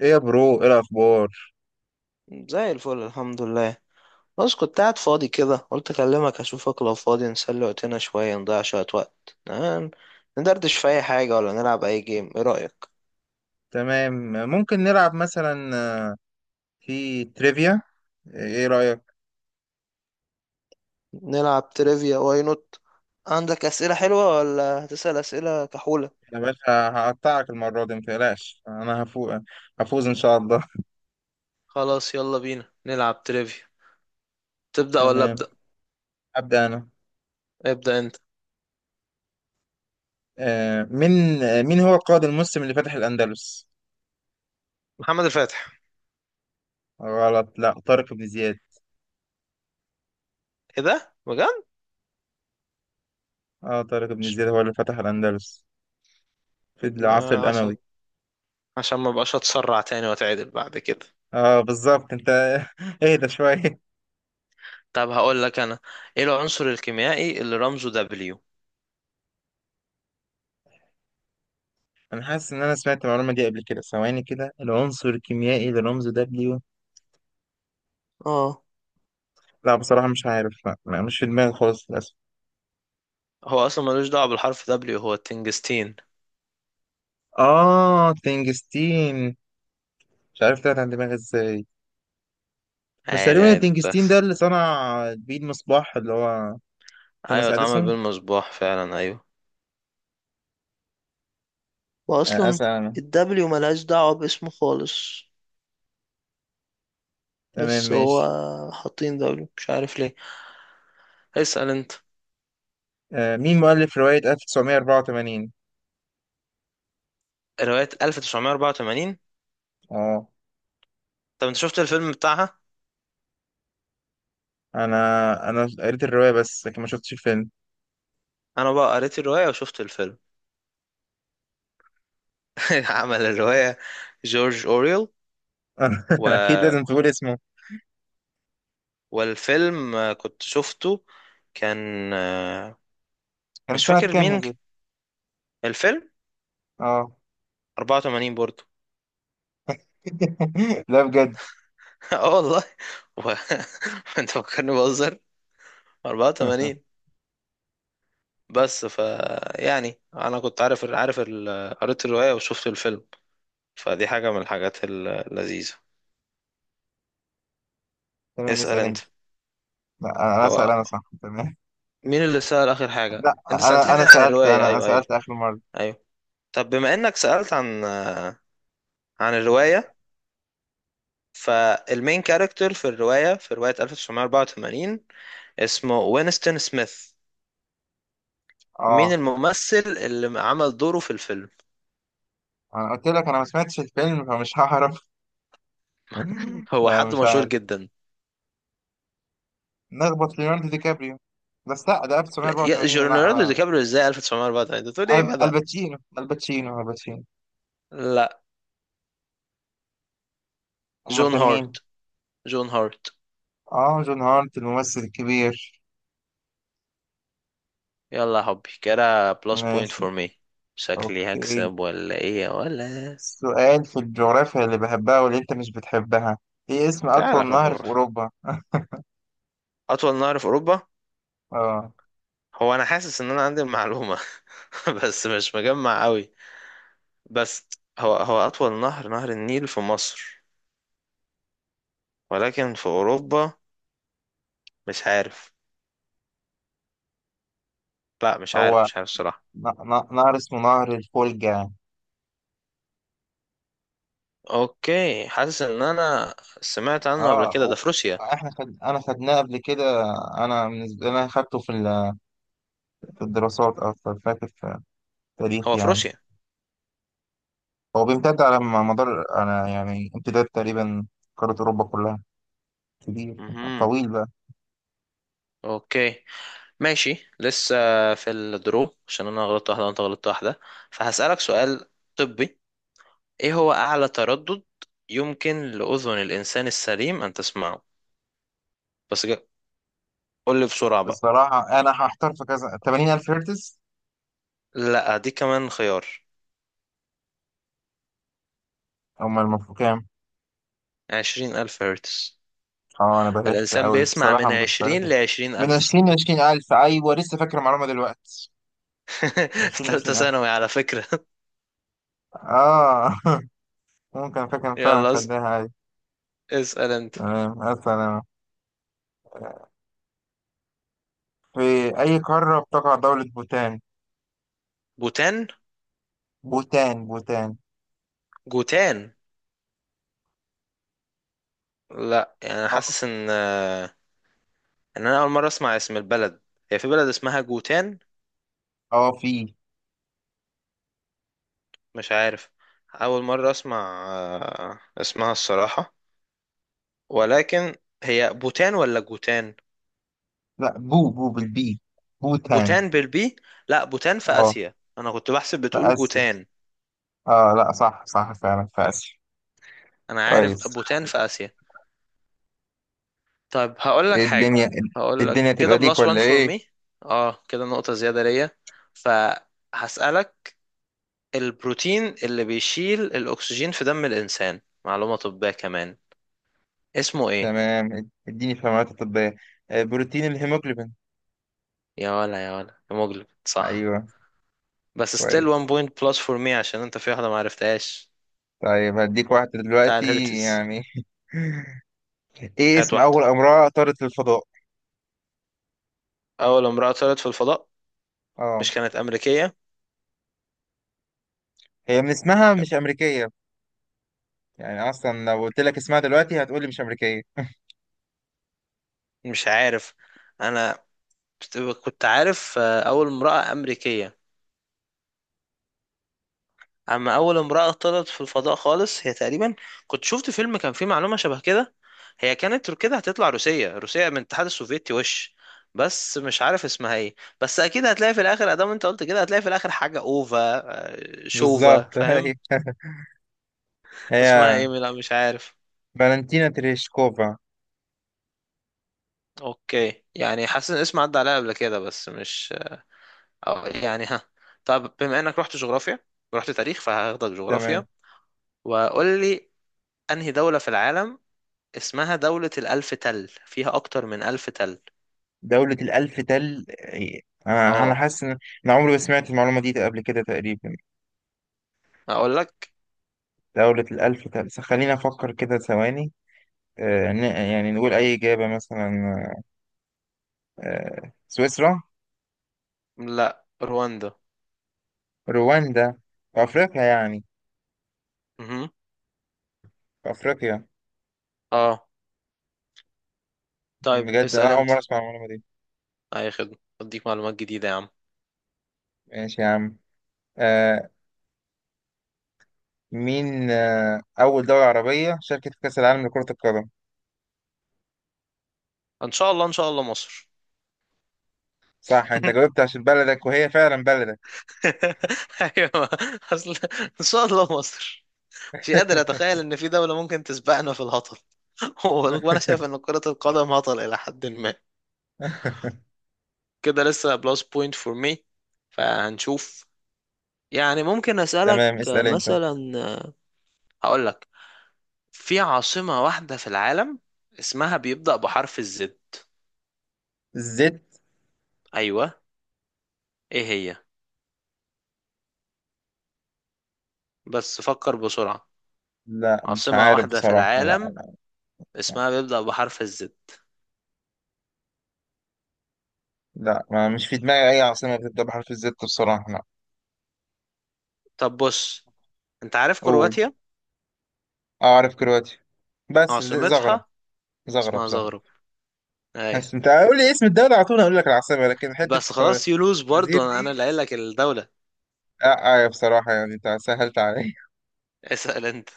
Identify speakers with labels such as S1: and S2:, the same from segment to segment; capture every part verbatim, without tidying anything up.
S1: ايه يا برو، ايه الاخبار؟
S2: زي الفل الحمد لله. بس كنت قاعد فاضي كده، قلت اكلمك اشوفك لو فاضي، نسلي وقتنا شوية، نضيع شوية وقت. نعم، ندردش في اي حاجة ولا نلعب اي جيم، ايه رأيك؟
S1: تمام، ممكن نلعب مثلا آه، في تريفيا. ايه رايك؟
S2: نلعب تريفيا واي نوت. عندك اسئلة حلوة ولا هتسأل اسئلة كحولة؟
S1: يا باشا، هقطعك المره دي، متقلقش انا هفوز، هفوز ان شاء الله.
S2: خلاص يلا بينا نلعب تريفيا. تبدأ ولا
S1: تمام،
S2: أبدأ؟
S1: ابدا انا.
S2: ابدأ انت.
S1: آه، مين آه، مين هو القائد المسلم اللي فتح الاندلس؟
S2: محمد الفاتح.
S1: غلط، لا، طارق بن زياد.
S2: ايه ده بجد؟
S1: اه، طارق بن زياد هو اللي فتح الاندلس في العصر
S2: آه، عشان
S1: الاموي.
S2: عشان ما بقاش اتسرع تاني واتعدل بعد كده.
S1: اه بالظبط انت. اهدى شويه.
S2: طب هقول لك انا، ايه العنصر الكيميائي اللي رمزه دبليو؟
S1: انا حاسس ان انا سمعت المعلومه دي قبل كده، ثواني كده، العنصر الكيميائي للرمز W.
S2: اه،
S1: لا، بصراحة مش عارف، لا لا، مش في دماغي خالص للأسف.
S2: هو اصلا ملوش دعوه بالحرف دبليو، هو التنجستين.
S1: آه، تنجستين. مش عارف طلعت عن دماغي ازاي. مش
S2: عادي
S1: تقريبا
S2: عادي،
S1: التنجستين ده
S2: بتحصل.
S1: اللي صنع بيه المصباح، اللي هو توماس
S2: ايوه اتعمل
S1: أديسون؟
S2: بالمصباح فعلا، ايوه.
S1: آه،
S2: واصلا
S1: أسأل أنا.
S2: الدبليو ملهاش دعوة باسمه خالص.
S1: تمام،
S2: بس هو
S1: ماشي.
S2: حاطين دبليو مش عارف ليه. اسال انت.
S1: آه مين مؤلف رواية ألف وتسعمية وأربعة وثمانين؟
S2: روايه ألف تسعمية اربعة وتمانين.
S1: آه
S2: طب انت شفت الفيلم بتاعها؟
S1: أنا أنا قريت الرواية بس لكن ما شفتش الفيلم.
S2: انا بقى قريت الروايه وشفت الفيلم. عمل الروايه جورج اوريل.
S1: أكيد
S2: و...
S1: لازم تقول اسمه.
S2: والفيلم آه، كنت شفته. كان آه،
S1: كان
S2: مش
S1: سنة
S2: فاكر
S1: كام
S2: مين
S1: نزل؟
S2: الفيلم.
S1: آه.
S2: أربعة وثمانين برضه.
S1: لا بجد.
S2: اه والله. و... انت فكرني بهزر. اربعة وتمانين. بس ف يعني انا كنت عارف، عارف ال... قريت الرواية وشفت الفيلم، فدي حاجة من الحاجات ال- اللذيذة.
S1: تمام،
S2: اسأل
S1: اسأل
S2: انت.
S1: أنت. لا، أنا أسأل
S2: هو
S1: أنا، صح، تمام.
S2: مين اللي سأل آخر حاجة؟
S1: لا،
S2: انت
S1: انا
S2: سألتني
S1: انا
S2: عن
S1: سالت
S2: الرواية،
S1: انا انا
S2: ايوه ايوه
S1: سالت اخر مره.
S2: ايوه. طب بما انك سألت عن عن الرواية، فالمين كاركتر في الرواية، في رواية ألف تسعمية اربعة وتمانين، اسمه وينستون سميث؟ مين
S1: اه،
S2: الممثل اللي عمل دوره في الفيلم؟
S1: انا قلت لك انا ما سمعتش الفيلم فمش هعرف.
S2: هو
S1: لا
S2: حد
S1: مش
S2: مشهور
S1: عارف.
S2: جدا.
S1: نخبط ليوناردو دي كابريو. بس لا، ده
S2: لا يا-
S1: ألف وتسعمية وأربعة وثمانين،
S2: جو-
S1: لا
S2: ليوناردو دي
S1: لا.
S2: كابريو ازاي ألف وتسعمئة وأربعة، انت بتقول ايه يا
S1: ألب-
S2: جدع؟
S1: الباتشينو الباتشينو الباتشينو
S2: لا.
S1: امال
S2: جون
S1: كان
S2: هارت.
S1: مين؟
S2: جون هارت.
S1: اه، جون هارت، الممثل الكبير.
S2: يلا يا حبي، كده بلس بوينت
S1: ماشي.
S2: فور مي. شكلي
S1: اوكي،
S2: هكسب ولا ايه يا ولا؟
S1: سؤال في الجغرافيا اللي بحبها واللي انت مش بتحبها. ايه اسم
S2: تعالى
S1: اطول
S2: في
S1: نهر في
S2: الجغرافيا.
S1: اوروبا؟
S2: اطول نهر في اوروبا.
S1: اه،
S2: هو انا حاسس ان انا عندي المعلومة بس مش مجمع قوي. بس هو هو اطول نهر، نهر النيل في مصر، ولكن في اوروبا مش عارف. لا مش
S1: هو
S2: عارف، مش عارف الصراحة.
S1: ن- ن- نهر اسمه نهر الفولجا.
S2: اوكي، حاسس ان انا سمعت عنه قبل
S1: اه،
S2: كده، ده
S1: و-
S2: في روسيا.
S1: احنا خد... انا خدناه قبل كده. انا بالنسبه لي انا خدته في ال- في الدراسات اكتر، فاكر في التاريخ
S2: هو في
S1: يعني.
S2: روسيا.
S1: هو بيمتد على م- مدار انا يعني امتداد تقريبا قاره اوروبا كلها. كبير.
S2: مهم.
S1: طويل بقى.
S2: اوكي ماشي. لسه في الدرو، عشان انا غلطت واحده وانت غلطت واحده، فهسألك سؤال طبي. ايه هو اعلى تردد يمكن لاذن الانسان السليم ان تسمعه؟ بس جا- قول لي بسرعه بقى.
S1: بصراحه انا هحتار في كذا، تمانين ألف هرتز؟
S2: لا دي كمان خيار.
S1: هم المفروض كام؟
S2: عشرين الف هرتز.
S1: اه، انا بلشت
S2: الانسان
S1: قوي
S2: بيسمع
S1: بصراحه،
S2: من
S1: ما كنتش
S2: عشرين
S1: عارفها.
S2: لعشرين
S1: من
S2: الف.
S1: عشرين ل عشرين ألف، ايوه لسه فاكر المعلومه دلوقتي. من عشرين ل
S2: ثالثه
S1: عشرين ألف.
S2: ثانوي على فكره.
S1: اه. ممكن، فاكر فعلا،
S2: يلا اس-
S1: خدناها عادي.
S2: اسأل انت.
S1: تمام، اصلا في أي قارة بتقع دولة بوتان؟
S2: بوتان.
S1: بوتان، بوتان.
S2: جوتان. لا، يعني أنا
S1: اه
S2: حاسس ان آه، ان انا اول مره اسمع اسم البلد. هي في بلد اسمها جوتان؟
S1: اه، في.
S2: مش عارف. أول مرة أسمع آه، اسمها الصراحة. ولكن هي بوتان ولا جوتان؟
S1: لا، بو بو بالبي بوتان.
S2: بوتان بالبي. لا، بوتان في
S1: اه
S2: آسيا، أنا كنت بحسب
S1: في
S2: بتقول
S1: آسيا.
S2: جوتان.
S1: اه لا، صح صح، فعلا في آسيا.
S2: أنا عارف
S1: كويس.
S2: بوتان في آسيا. طيب هقول لك
S1: إيه
S2: حاجة.
S1: الدنيا؟
S2: هقول لك
S1: الدنيا
S2: كده
S1: تبقى ليك
S2: بلس وان
S1: ولا
S2: فور
S1: ايه؟
S2: مي. اه كده نقطة زيادة ليا. فهسألك، البروتين اللي بيشيل الأكسجين في دم الإنسان، معلومة طبية كمان، اسمه إيه؟
S1: تمام، اديني في المعلومات الطبية. آه، بروتين الهيموجلوبين.
S2: يا ولا، يا ولا، يا مجلب، صح.
S1: ايوه،
S2: بس still one
S1: كويس.
S2: point plus for me عشان انت في واحدة ما عرفتهاش،
S1: طيب هديك واحدة
S2: بتاع
S1: دلوقتي
S2: الهرتز.
S1: يعني. ايه
S2: هات
S1: اسم
S2: واحدة.
S1: أول امرأة طارت للفضاء؟
S2: أول امرأة طلعت في الفضاء،
S1: اه،
S2: مش كانت أمريكية؟
S1: هي من اسمها
S2: كان-
S1: مش أمريكية. يعني اصلا لو قلت لك اسمها دلوقتي هتقولي مش امريكيه.
S2: مش عارف. أنا كنت عارف آه، أول امرأة أمريكية، أما أول امرأة طلعت في الفضاء خالص هي تقريبا، كنت شفت فيلم كان فيه معلومة شبه كده، هي كانت كده هتطلع روسية، روسية من الاتحاد السوفيتي وش، بس مش عارف اسمها ايه. بس اكيد هتلاقي في الاخر، ادام انت قلت كده هتلاقي في الاخر حاجة اوفا. آه، شوفا
S1: بالظبط.
S2: فاهم.
S1: هي
S2: اسمها
S1: هي
S2: ايه؟ لا مش عارف.
S1: فالنتينا تريشكوفا.
S2: اوكي، يعني حاسس ان اسم عدى عليها قبل كده بس مش، أو يعني ها. طب بما انك رحت جغرافيا ورحت تاريخ، فهاخدك جغرافيا.
S1: تمام.
S2: وقول لي، انهي دولة في العالم اسمها دولة الألف تل، فيها اكتر من ألف تل؟
S1: دولة الألف تل إيه؟ أنا أنا
S2: اه
S1: حاسس إن أنا عمري ما سمعت المعلومة دي قبل كده تقريبا.
S2: اقول لك،
S1: دولة الألف تل، س- خليني أفكر كده ثواني. آه، ن- يعني نقول أي إجابة، مثلا آه، سويسرا.
S2: لا، رواندا.
S1: رواندا؟ في أفريقيا يعني؟
S2: مهم.
S1: في أفريقيا.
S2: اه. طيب
S1: بجد
S2: اسأل
S1: أنا أول
S2: انت.
S1: مرة أسمع المعلومة دي.
S2: اي خدمة، اديك معلومات جديدة يا عم.
S1: ماشي يا عم. آه، مين آه، أول دولة عربية شاركت في كأس العالم لكرة القدم؟
S2: ان شاء الله ان شاء الله مصر.
S1: صح، أنت جاوبت عشان بلدك، وهي فعلا بلدك.
S2: ايوه، اصل ان شاء الله مصر، مش قادر اتخيل ان في دولة ممكن تسبقنا في الهطل. وانا شايف ان كرة القدم هطل الى حد ما. كده لسه بلس بوينت فور مي، فهنشوف. يعني ممكن اسألك
S1: تمام،
S2: آه،
S1: اسأل أنت.
S2: مثلا، آه، هقول لك في عاصمة واحدة في العالم اسمها بيبدأ بحرف الزد.
S1: الزد.
S2: ايوه، ايه هي؟ بس فكر بسرعة.
S1: لا، مش
S2: عاصمة
S1: عارف
S2: واحدة في
S1: بصراحة، لا.
S2: العالم
S1: لا
S2: اسمها بيبدأ بحرف الزد.
S1: لا، ما مش في دماغي أي عاصمة بتبدأ بحرف الزد، بصراحة لا.
S2: طب بص، انت عارف
S1: قول.
S2: كرواتيا؟
S1: أعرف كرواتيا، بس ز- زغرب.
S2: عاصمتها
S1: زغرب،
S2: اسمها
S1: زغرب.
S2: زغرب،
S1: بس
S2: ايوه.
S1: أنت قول لي اسم الدولة على طول أقول لك العاصمة، لكن حتة
S2: بس خلاص يلوز
S1: الفوازير
S2: برضو، انا أنا
S1: دي
S2: اللي قايل لك الدولة.
S1: لا. آه بصراحة يعني أنت سهلت عليا.
S2: اسأل انت.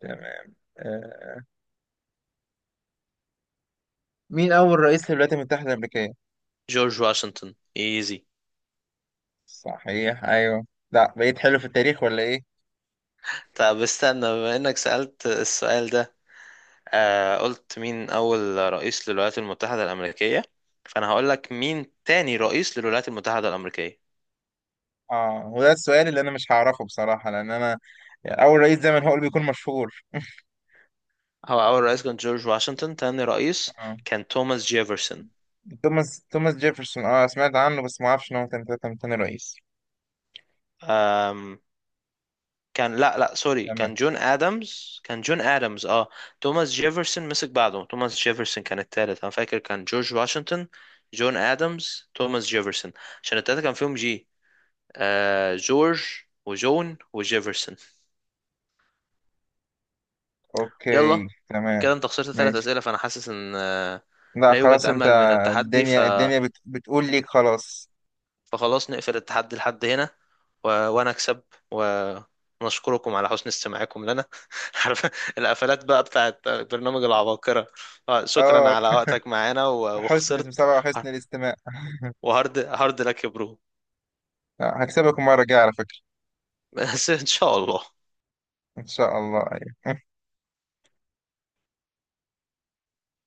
S1: تمام. آه، مين أول رئيس للولايات المتحدة الأمريكية؟
S2: جورج واشنطن، ايزي.
S1: صحيح، أيوه. لا، بقيت حلو في التاريخ ولا إيه؟
S2: طب استنى، بما انك سألت السؤال ده، آه قلت مين اول رئيس للولايات المتحدة الامريكية، فانا هقول لك مين تاني رئيس للولايات المتحدة الامريكية.
S1: آه هو ده السؤال اللي أنا مش هعرفه بصراحة، لأن أنا أول رئيس زي ما هو اللي بيكون مشهور.
S2: هو اول رئيس كان جورج واشنطن، تاني رئيس
S1: آه.
S2: كان توماس جيفرسون.
S1: توماس توماس جيفرسون، أه سمعت عنه بس ما أعرفش إن هو كان تاني تاني رئيس.
S2: كان، لا لا سوري،
S1: تمام.
S2: كان جون ادمز، كان جون ادمز اه. توماس جيفرسون مسك بعده، توماس جيفرسون كان التالت. انا فاكر كان جورج واشنطن، جون ادمز، توماس جيفرسون، عشان التلاتة كان فيهم جي. آه جورج وجون وجيفرسون.
S1: أوكي،
S2: يلا.
S1: تمام،
S2: كده انت خسرت ثلاث
S1: ماشي.
S2: اسئله، فانا حاسس ان آه،
S1: لا
S2: لا يوجد
S1: خلاص، أنت.
S2: امل من التحدي، ف
S1: الدنيا، الدنيا بت... بتقول ليك خلاص.
S2: فخلاص نقفل التحدي لحد هنا. و... وانا اكسب. و- ونشكركم على حسن استماعكم لنا. عارف القفلات بقى بتاعت برنامج العباقرة. آه، شكرا
S1: أه،
S2: على وقتك معانا، و...
S1: حسن
S2: وخسرت.
S1: المتابعة وحسن الاستماع.
S2: وهارد هارد لك يا برو.
S1: لا، هكسبك المرة الجاية على فكرة.
S2: بس ان شاء الله.
S1: إن شاء الله، أيوه.